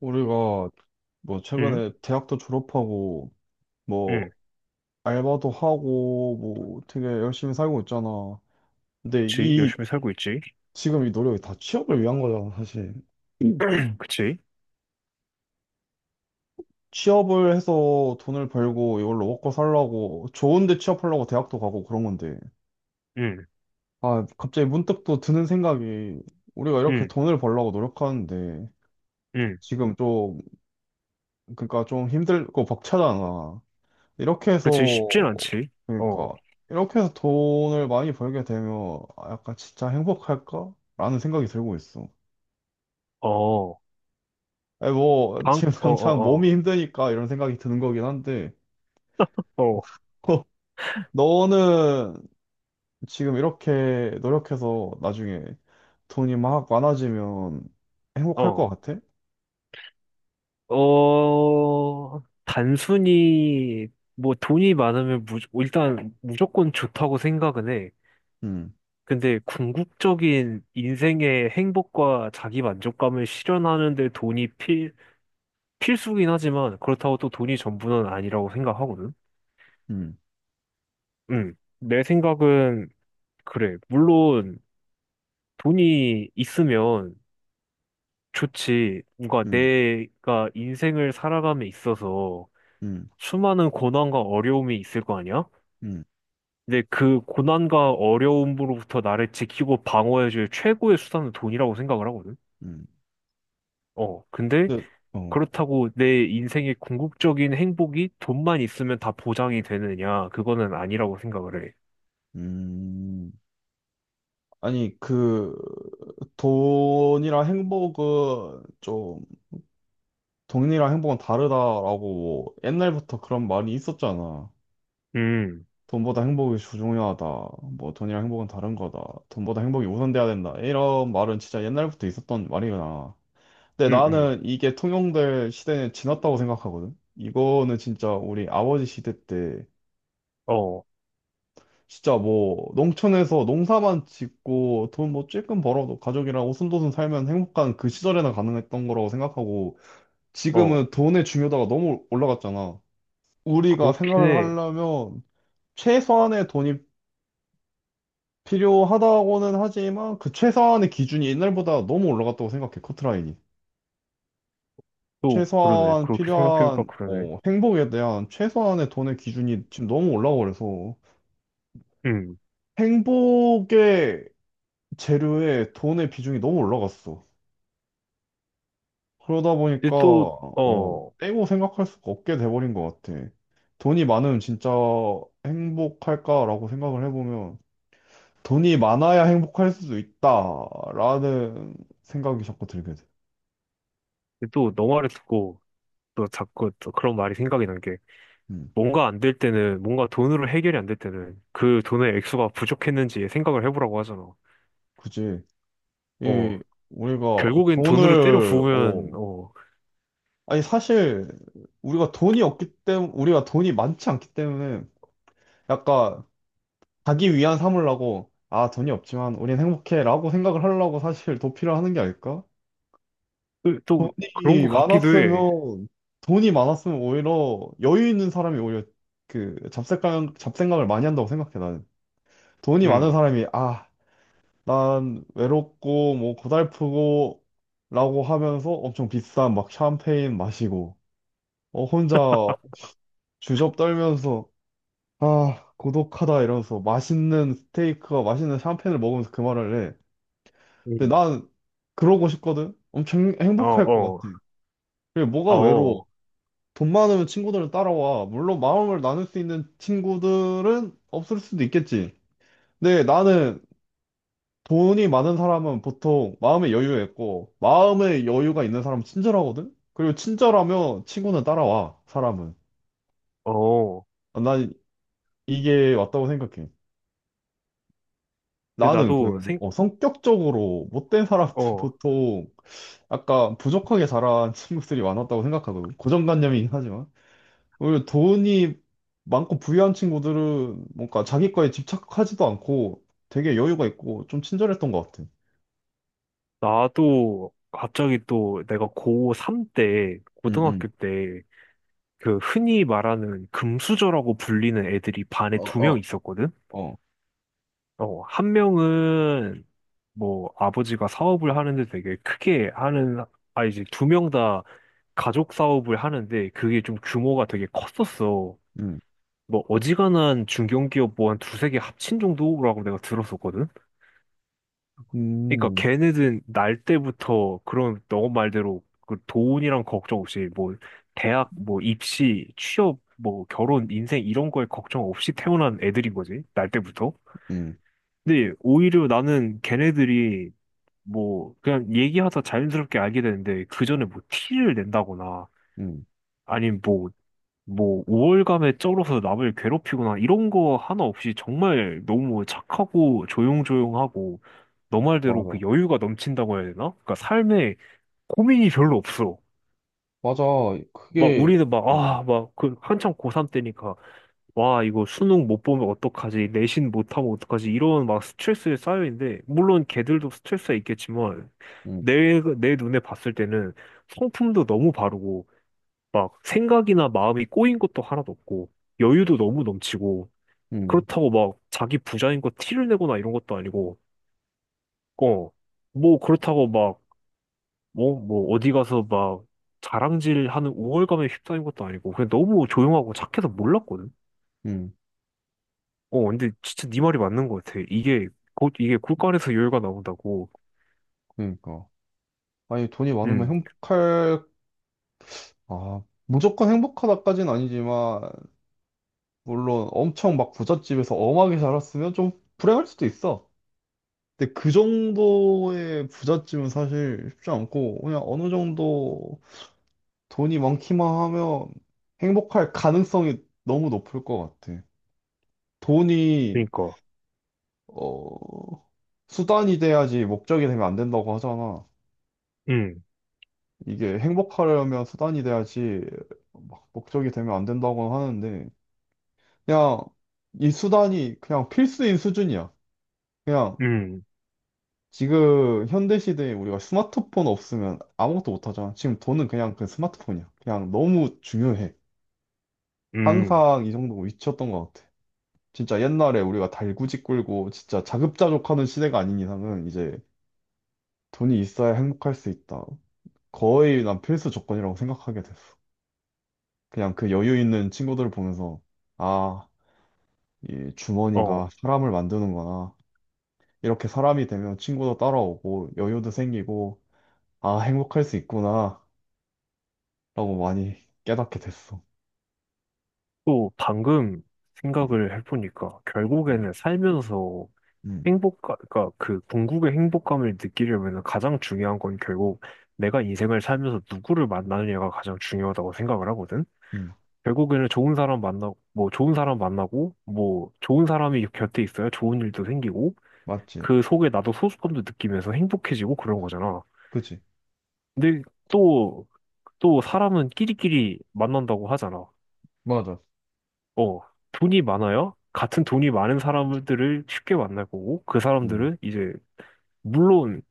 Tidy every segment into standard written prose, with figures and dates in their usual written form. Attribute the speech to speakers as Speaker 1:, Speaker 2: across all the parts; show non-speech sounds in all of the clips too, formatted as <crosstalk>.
Speaker 1: 우리가 뭐
Speaker 2: 응,
Speaker 1: 최근에 대학도 졸업하고 뭐
Speaker 2: 응,
Speaker 1: 알바도 하고 뭐 되게 열심히 살고 있잖아. 근데
Speaker 2: 그치.
Speaker 1: 이
Speaker 2: 열심히 살고 있지.
Speaker 1: 지금 이 노력이 다 취업을 위한 거잖아, 사실. 음.
Speaker 2: <clears throat> 그치.
Speaker 1: 취업을 해서 돈을 벌고 이걸로 먹고 살라고 좋은데 취업하려고 대학도 가고 그런 건데.
Speaker 2: 응,
Speaker 1: 아, 갑자기 문득 또 드는 생각이 우리가 이렇게
Speaker 2: 응,
Speaker 1: 돈을 벌려고 노력하는데
Speaker 2: 응.
Speaker 1: 지금 좀, 그러니까 좀 힘들고 벅차잖아. 이렇게 해서,
Speaker 2: 그치. 쉽진 않지. 어,
Speaker 1: 그러니까, 이렇게 해서 돈을 많이 벌게 되면, 아, 약간 진짜 행복할까? 라는 생각이 들고 있어.
Speaker 2: 어,
Speaker 1: 아니, 뭐, 지금 <laughs>
Speaker 2: 어,
Speaker 1: 당장
Speaker 2: 어,
Speaker 1: 몸이 힘드니까 이런 생각이 드는 거긴 한데,
Speaker 2: 어,
Speaker 1: <laughs> 너는 지금 이렇게 노력해서 나중에 돈이 막 많아지면 행복할 것
Speaker 2: 어,
Speaker 1: 같아?
Speaker 2: 어, 어, 단순히, 뭐, 돈이 많으면 일단 무조건 좋다고 생각은 해.
Speaker 1: 음,
Speaker 2: 근데 궁극적인 인생의 행복과 자기 만족감을 실현하는데 돈이 필수긴 하지만 그렇다고 또 돈이 전부는 아니라고 생각하거든.
Speaker 1: 음,
Speaker 2: 응. 내 생각은 그래. 물론 돈이 있으면 좋지. 뭔가
Speaker 1: 음,
Speaker 2: 내가 인생을 살아감에 있어서
Speaker 1: 음,
Speaker 2: 수많은 고난과 어려움이 있을 거 아니야?
Speaker 1: 음,
Speaker 2: 근데 그 고난과 어려움으로부터 나를 지키고 방어해줄 최고의 수단은 돈이라고 생각을 하거든.
Speaker 1: 음.
Speaker 2: 어, 근데
Speaker 1: 근데, 어,
Speaker 2: 그렇다고 내 인생의 궁극적인 행복이 돈만 있으면 다 보장이 되느냐? 그거는 아니라고 생각을 해.
Speaker 1: 음. 아니, 그, 돈이랑 행복은 좀 돈이랑 행복은 다르다라고 뭐 옛날부터 그런 말이 있었잖아.
Speaker 2: 음,
Speaker 1: 돈보다 행복이 중요하다. 뭐 돈이랑 행복은 다른 거다. 돈보다 행복이 우선돼야 된다. 이런 말은 진짜 옛날부터 있었던 말이구나. 근데
Speaker 2: 음, 음.
Speaker 1: 나는 이게 통용될 시대는 지났다고 생각하거든. 이거는 진짜 우리 아버지 시대 때
Speaker 2: 어,
Speaker 1: 진짜 뭐 농촌에서 농사만 짓고 돈 뭐 찔끔 벌어도 가족이랑 오순도순 살면 행복한 그 시절에나 가능했던 거라고 생각하고,
Speaker 2: 어.
Speaker 1: 지금은 돈의 중요도가 너무 올라갔잖아. 우리가
Speaker 2: 그렇긴
Speaker 1: 생활을
Speaker 2: 해.
Speaker 1: 하려면 최소한의 돈이 필요하다고는 하지만 그 최소한의 기준이 옛날보다 너무 올라갔다고 생각해, 커트라인이.
Speaker 2: 또 그러네.
Speaker 1: 최소한
Speaker 2: 그렇게 생각해보니까
Speaker 1: 필요한,
Speaker 2: 그러네.
Speaker 1: 행복에 대한 최소한의 돈의 기준이 지금 너무 올라가 그래서
Speaker 2: 음.
Speaker 1: 행복의 재료에 돈의 비중이 너무 올라갔어. 그러다
Speaker 2: 근데
Speaker 1: 보니까
Speaker 2: 또, 어,
Speaker 1: 떼고 생각할 수가 없게 돼버린 것 같아. 돈이 많으면 진짜 행복할까라고 생각을 해보면 돈이 많아야 행복할 수도 있다라는 생각이 자꾸 들게 돼.
Speaker 2: 근데 또 너 말을 듣고 또 자꾸 또 그런 말이 생각이 난 게,
Speaker 1: 음,
Speaker 2: 뭔가 안 될 때는, 뭔가 돈으로 해결이 안 될 때는 그 돈의 액수가 부족했는지 생각을 해보라고 하잖아.
Speaker 1: 그지.
Speaker 2: 어,
Speaker 1: 이 우리가
Speaker 2: 결국엔 돈으로 때려
Speaker 1: 돈을
Speaker 2: 부으면,
Speaker 1: 어
Speaker 2: 어,
Speaker 1: 아니, 사실 우리가 돈이 없기 때문에, 우리가 돈이 많지 않기 때문에 약간 자기 위안 삼으려고, 아, 돈이 없지만 우린 행복해라고 생각을 하려고, 사실 도피를 하는 게 아닐까?
Speaker 2: 또, 또 그런 것
Speaker 1: 돈이
Speaker 2: 같기도 해.
Speaker 1: 많았으면 돈이 많았으면 오히려 여유 있는 사람이 오히려 그 잡생각을 많이 한다고 생각해 나는. 돈이 많은
Speaker 2: 음,
Speaker 1: 사람이, 아, 난 외롭고 뭐 고달프고, 라고 하면서 엄청 비싼 막 샴페인 마시고 혼자 주접 떨면서, 아, 고독하다 이러면서 맛있는 스테이크와 맛있는 샴페인을 먹으면서 그 말을 해. 근데
Speaker 2: 음,
Speaker 1: 난 그러고 싶거든. 엄청
Speaker 2: 어,
Speaker 1: 행복할 것 같아.
Speaker 2: 어,
Speaker 1: 그게 뭐가 외로워?
Speaker 2: 어,
Speaker 1: 돈 많으면 친구들은 따라와. 물론 마음을 나눌 수 있는 친구들은 없을 수도 있겠지. 근데 나는 돈이 많은 사람은 보통 마음의 여유 있고, 마음의 여유가 있는 사람은 친절하거든? 그리고 친절하면 친구는 따라와, 사람은.
Speaker 2: 어.
Speaker 1: 난 이게 맞다고 생각해.
Speaker 2: 근데
Speaker 1: 나는 그,
Speaker 2: 나도 생,
Speaker 1: 성격적으로 못된 사람들 <laughs>
Speaker 2: 어,
Speaker 1: 보통 약간 부족하게 자란 친구들이 많았다고 생각하거든. 고정관념이긴 하지만. 오히려 돈이 많고 부유한 친구들은 뭔가 자기 거에 집착하지도 않고 되게 여유가 있고 좀 친절했던 것 같아.
Speaker 2: 나도 갑자기 또 내가 고3 때,
Speaker 1: 응, 응.
Speaker 2: 고등학교 때, 그 흔히 말하는 금수저라고 불리는 애들이 반에
Speaker 1: 어,
Speaker 2: 두 명
Speaker 1: 어,
Speaker 2: 있었거든?
Speaker 1: 어.
Speaker 2: 어, 한 명은 뭐 아버지가 사업을 하는데 되게 크게 하는, 아, 이제 두 명 다 가족 사업을 하는데 그게 좀 규모가 되게 컸었어.
Speaker 1: 응,
Speaker 2: 뭐 어지간한 중견기업 뭐 한 두세 개 합친 정도라고 내가 들었었거든? 그러니까
Speaker 1: 음,
Speaker 2: 걔네들은 날 때부터 그런 너 말대로 그 돈이랑 걱정 없이 뭐 대학 뭐 입시 취업 뭐 결혼 인생 이런 거에 걱정 없이 태어난 애들인 거지 날 때부터.
Speaker 1: 음.
Speaker 2: 근데 오히려 나는 걔네들이 뭐 그냥 얘기하다 자연스럽게 알게 되는데 그 전에 뭐 티를 낸다거나
Speaker 1: 음,
Speaker 2: 아니면 뭐 우월감에 쩔어서 남을 괴롭히거나 이런 거 하나 없이 정말 너무 착하고 조용조용하고 너 말대로 그
Speaker 1: 맞아.
Speaker 2: 여유가 넘친다고 해야 되나? 그러니까 삶에 고민이 별로 없어.
Speaker 1: 맞아.
Speaker 2: 막
Speaker 1: 그게,
Speaker 2: 우리는 막
Speaker 1: 음,
Speaker 2: 아 막 그 한창 고3 때니까 와 이거 수능 못 보면 어떡하지 내신 못하면 어떡하지 이런 막 스트레스에 쌓여 있는데 물론 걔들도 스트레스가 있겠지만
Speaker 1: 음,
Speaker 2: 내 눈에 봤을 때는 성품도 너무 바르고 막 생각이나 마음이 꼬인 것도 하나도 없고 여유도 너무 넘치고
Speaker 1: 음,
Speaker 2: 그렇다고 막 자기 부자인 거 티를 내거나 이런 것도 아니고 어 뭐 그렇다고 막 뭐 어디 가서 막 자랑질하는 우월감에 휩싸인 것도 아니고 그냥 너무 조용하고 착해서 몰랐거든.
Speaker 1: 음,
Speaker 2: 어 근데 진짜 네 말이 맞는 것 같아 이게 곧 이게 굴간에서 여유가 나온다고.
Speaker 1: 그러니까, 아니, 돈이 많으면
Speaker 2: 음
Speaker 1: 행복할, 아, 무조건 행복하다까진 아니지만, 물론 엄청 막 부잣집에서 엄하게 자랐으면 좀 불행할 수도 있어. 근데 그 정도의 부잣집은 사실 쉽지 않고, 그냥 어느 정도 돈이 많기만 하면 행복할 가능성이 너무 높을 것 같아. 돈이,
Speaker 2: 그러니까.
Speaker 1: 어, 수단이 돼야지 목적이 되면 안 된다고 하잖아. 이게 행복하려면 수단이 돼야지 막 목적이 되면 안 된다고 하는데, 그냥 이 수단이 그냥 필수인 수준이야. 그냥 지금 현대 시대에 우리가 스마트폰 없으면 아무것도 못 하잖아. 지금 돈은 그냥 그 스마트폰이야. 그냥 너무 중요해.
Speaker 2: 음음음어또
Speaker 1: 항상 이 정도 위치였던 것 같아. 진짜 옛날에 우리가 달구지 끌고 진짜 자급자족하는 시대가 아닌 이상은, 이제 돈이 있어야 행복할 수 있다. 거의 난 필수 조건이라고 생각하게 됐어. 그냥 그 여유 있는 친구들을 보면서, 아, 이 주머니가 사람을 만드는구나. 이렇게 사람이 되면 친구도 따라오고, 여유도 생기고, 아, 행복할 수 있구나, 라고 많이 깨닫게 됐어.
Speaker 2: 방금
Speaker 1: 음,
Speaker 2: 생각을 해보니까
Speaker 1: 음,
Speaker 2: 결국에는 살면서
Speaker 1: 음,
Speaker 2: 행복감, 그러니까 그 궁극의 행복감을 느끼려면 가장 중요한 건 결국 내가 인생을 살면서 누구를 만나느냐가 가장 중요하다고 생각을 하거든.
Speaker 1: 음.
Speaker 2: 결국에는 좋은 사람 만나고, 뭐 좋은 사람 만나고, 뭐 좋은 사람이 곁에 있어야 좋은 일도 생기고,
Speaker 1: 맞지?
Speaker 2: 그 속에 나도 소속감도 느끼면서 행복해지고 그런 거잖아.
Speaker 1: 그치?
Speaker 2: 근데 또, 또 사람은 끼리끼리 만난다고 하잖아.
Speaker 1: 맞아.
Speaker 2: 어, 돈이 많아야 같은 돈이 많은 사람들을 쉽게 만날 거고, 그
Speaker 1: 음,
Speaker 2: 사람들은 이제 물론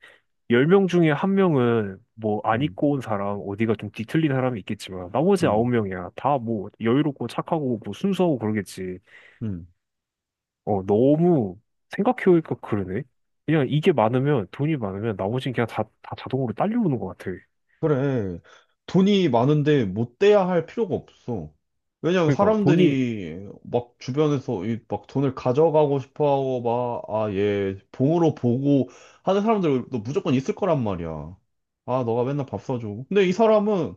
Speaker 2: 10명 중에 한 명은 뭐 안
Speaker 1: 음,
Speaker 2: 입고 온 사람, 어디가 좀 뒤틀린 사람이 있겠지만 나머지
Speaker 1: 음,
Speaker 2: 9명이야. 다 뭐 여유롭고 착하고 뭐 순수하고 그러겠지.
Speaker 1: 음.
Speaker 2: 어, 너무 생각해보니까 그러네. 그냥 이게 많으면 돈이 많으면 나머지는 그냥 다, 다 자동으로 딸려오는 것 같아.
Speaker 1: 그래. 돈이 많은데 못 돼야 할 필요가 없어. 왜냐면
Speaker 2: 그러니까 돈이
Speaker 1: 사람들이 막 주변에서 이 막 돈을 가져가고 싶어 하고 막, 아, 얘 봉으로 보고 하는 사람들도 무조건 있을 거란 말이야. 아, 너가 맨날 밥 사줘. 근데 이 사람은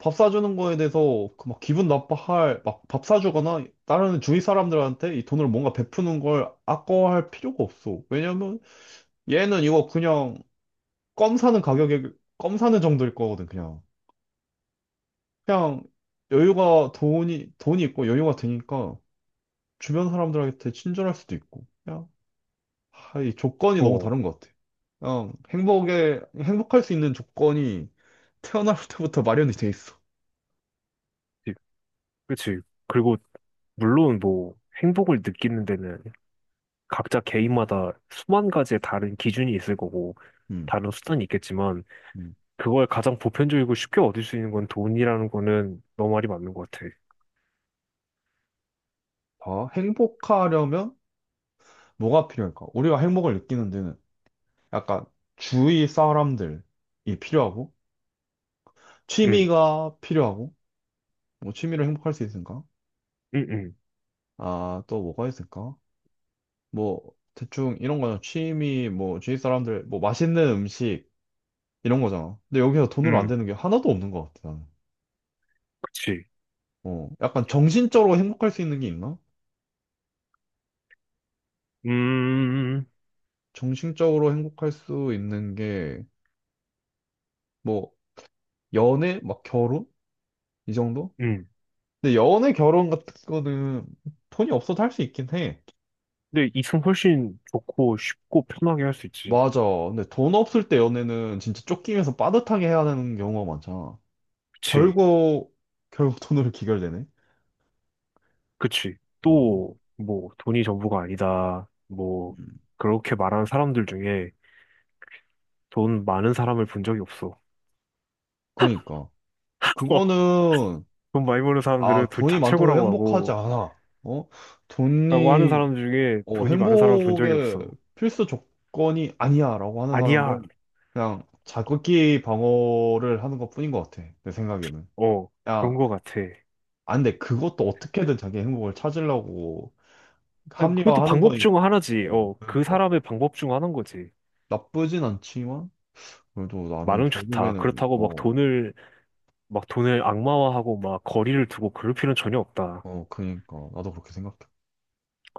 Speaker 1: 밥 사주는 거에 대해서 그 막 기분 나빠할, 막 밥 사주거나 다른 주위 사람들한테 이 돈을 뭔가 베푸는 걸 아까워할 필요가 없어. 왜냐면 얘는 이거 그냥 껌 사는 가격에, 껌 사는 정도일 거거든, 그냥. 그냥 여유가, 돈이 있고 여유가 되니까 주변 사람들한테 친절할 수도 있고, 그냥 하, 이 조건이 너무
Speaker 2: 어,
Speaker 1: 다른 것 같아. 그냥 행복에, 행복할 수 있는 조건이 태어날 <laughs> 때부터 마련이 돼 있어.
Speaker 2: 그치. 그치. 그리고 물론 뭐 행복을 느끼는 데는 각자 개인마다 수만 가지의 다른 기준이 있을 거고
Speaker 1: 음,
Speaker 2: 다른 수단이 있겠지만
Speaker 1: 음.
Speaker 2: 그걸 가장 보편적이고 쉽게 얻을 수 있는 건 돈이라는 거는 너 말이 맞는 것 같아.
Speaker 1: 다 행복하려면 뭐가 필요할까? 우리가 행복을 느끼는 데는 약간 주위 사람들이 필요하고
Speaker 2: 응,
Speaker 1: 취미가 필요하고, 뭐 취미로 행복할 수 있을까?
Speaker 2: 응, 응,
Speaker 1: 아, 또 뭐가 있을까? 뭐 대충 이런 거잖아. 취미 뭐 주위 사람들 뭐 맛있는 음식, 이런 거잖아. 근데 여기서 돈으로 안
Speaker 2: 응,
Speaker 1: 되는 게 하나도 없는 것 같아 나는.
Speaker 2: 그치.
Speaker 1: 약간 정신적으로 행복할 수 있는 게 있나?
Speaker 2: 음,
Speaker 1: 정신적으로 행복할 수 있는 게 뭐 연애 막 결혼, 이 정도?
Speaker 2: 응.
Speaker 1: 근데 연애 결혼 같은 거는 돈이 없어도 할 수 있긴 해.
Speaker 2: 근데 이승 훨씬 좋고 쉽고 편하게 할 수 있지.
Speaker 1: 맞아. 근데 돈 없을 때 연애는 진짜 쫓기면서 빠듯하게 해야 되는 경우가 많잖아.
Speaker 2: 그치,
Speaker 1: 결국 결국 돈으로 <laughs> 귀결되네.
Speaker 2: 그치.
Speaker 1: 어,
Speaker 2: 또, 뭐, 돈이 전부가 아니다. 뭐,
Speaker 1: 음.
Speaker 2: 그렇게 말하는 사람들 중에 돈 많은 사람을 본 적이 없어.
Speaker 1: 그니까.
Speaker 2: <laughs>
Speaker 1: 그거는,
Speaker 2: 돈 많이 버는 사람들은
Speaker 1: 아,
Speaker 2: 돈
Speaker 1: 돈이
Speaker 2: 다
Speaker 1: 많다고
Speaker 2: 최고라고
Speaker 1: 행복하지
Speaker 2: 하고,
Speaker 1: 않아. 어?
Speaker 2: 라고 하는
Speaker 1: 돈이,
Speaker 2: 사람 중에 돈이 많은 사람을 본 적이
Speaker 1: 행복의
Speaker 2: 없어.
Speaker 1: 필수 조건이 아니야, 라고 하는
Speaker 2: 아니야.
Speaker 1: 사람들은 그냥 자극기 방어를 하는 것 뿐인 것 같아, 내 생각에는.
Speaker 2: 어, 그런
Speaker 1: 그냥,
Speaker 2: 것 같아.
Speaker 1: 아, 근데 그것도 어떻게든 자기 행복을 찾으려고
Speaker 2: 아니, 그것도
Speaker 1: 합리화하는
Speaker 2: 방법
Speaker 1: 거니까.
Speaker 2: 중
Speaker 1: 어,
Speaker 2: 하나지. 어, 그
Speaker 1: 그러니까.
Speaker 2: 사람의 방법 중 하나인 거지.
Speaker 1: 나쁘진 않지만, 그래도 나는
Speaker 2: 많으면 좋다.
Speaker 1: 결국에는,
Speaker 2: 그렇다고 막 돈을, 막 돈을 악마화하고 막 거리를 두고 그럴 필요는 전혀 없다.
Speaker 1: 그러니까, 나도 그렇게 생각해.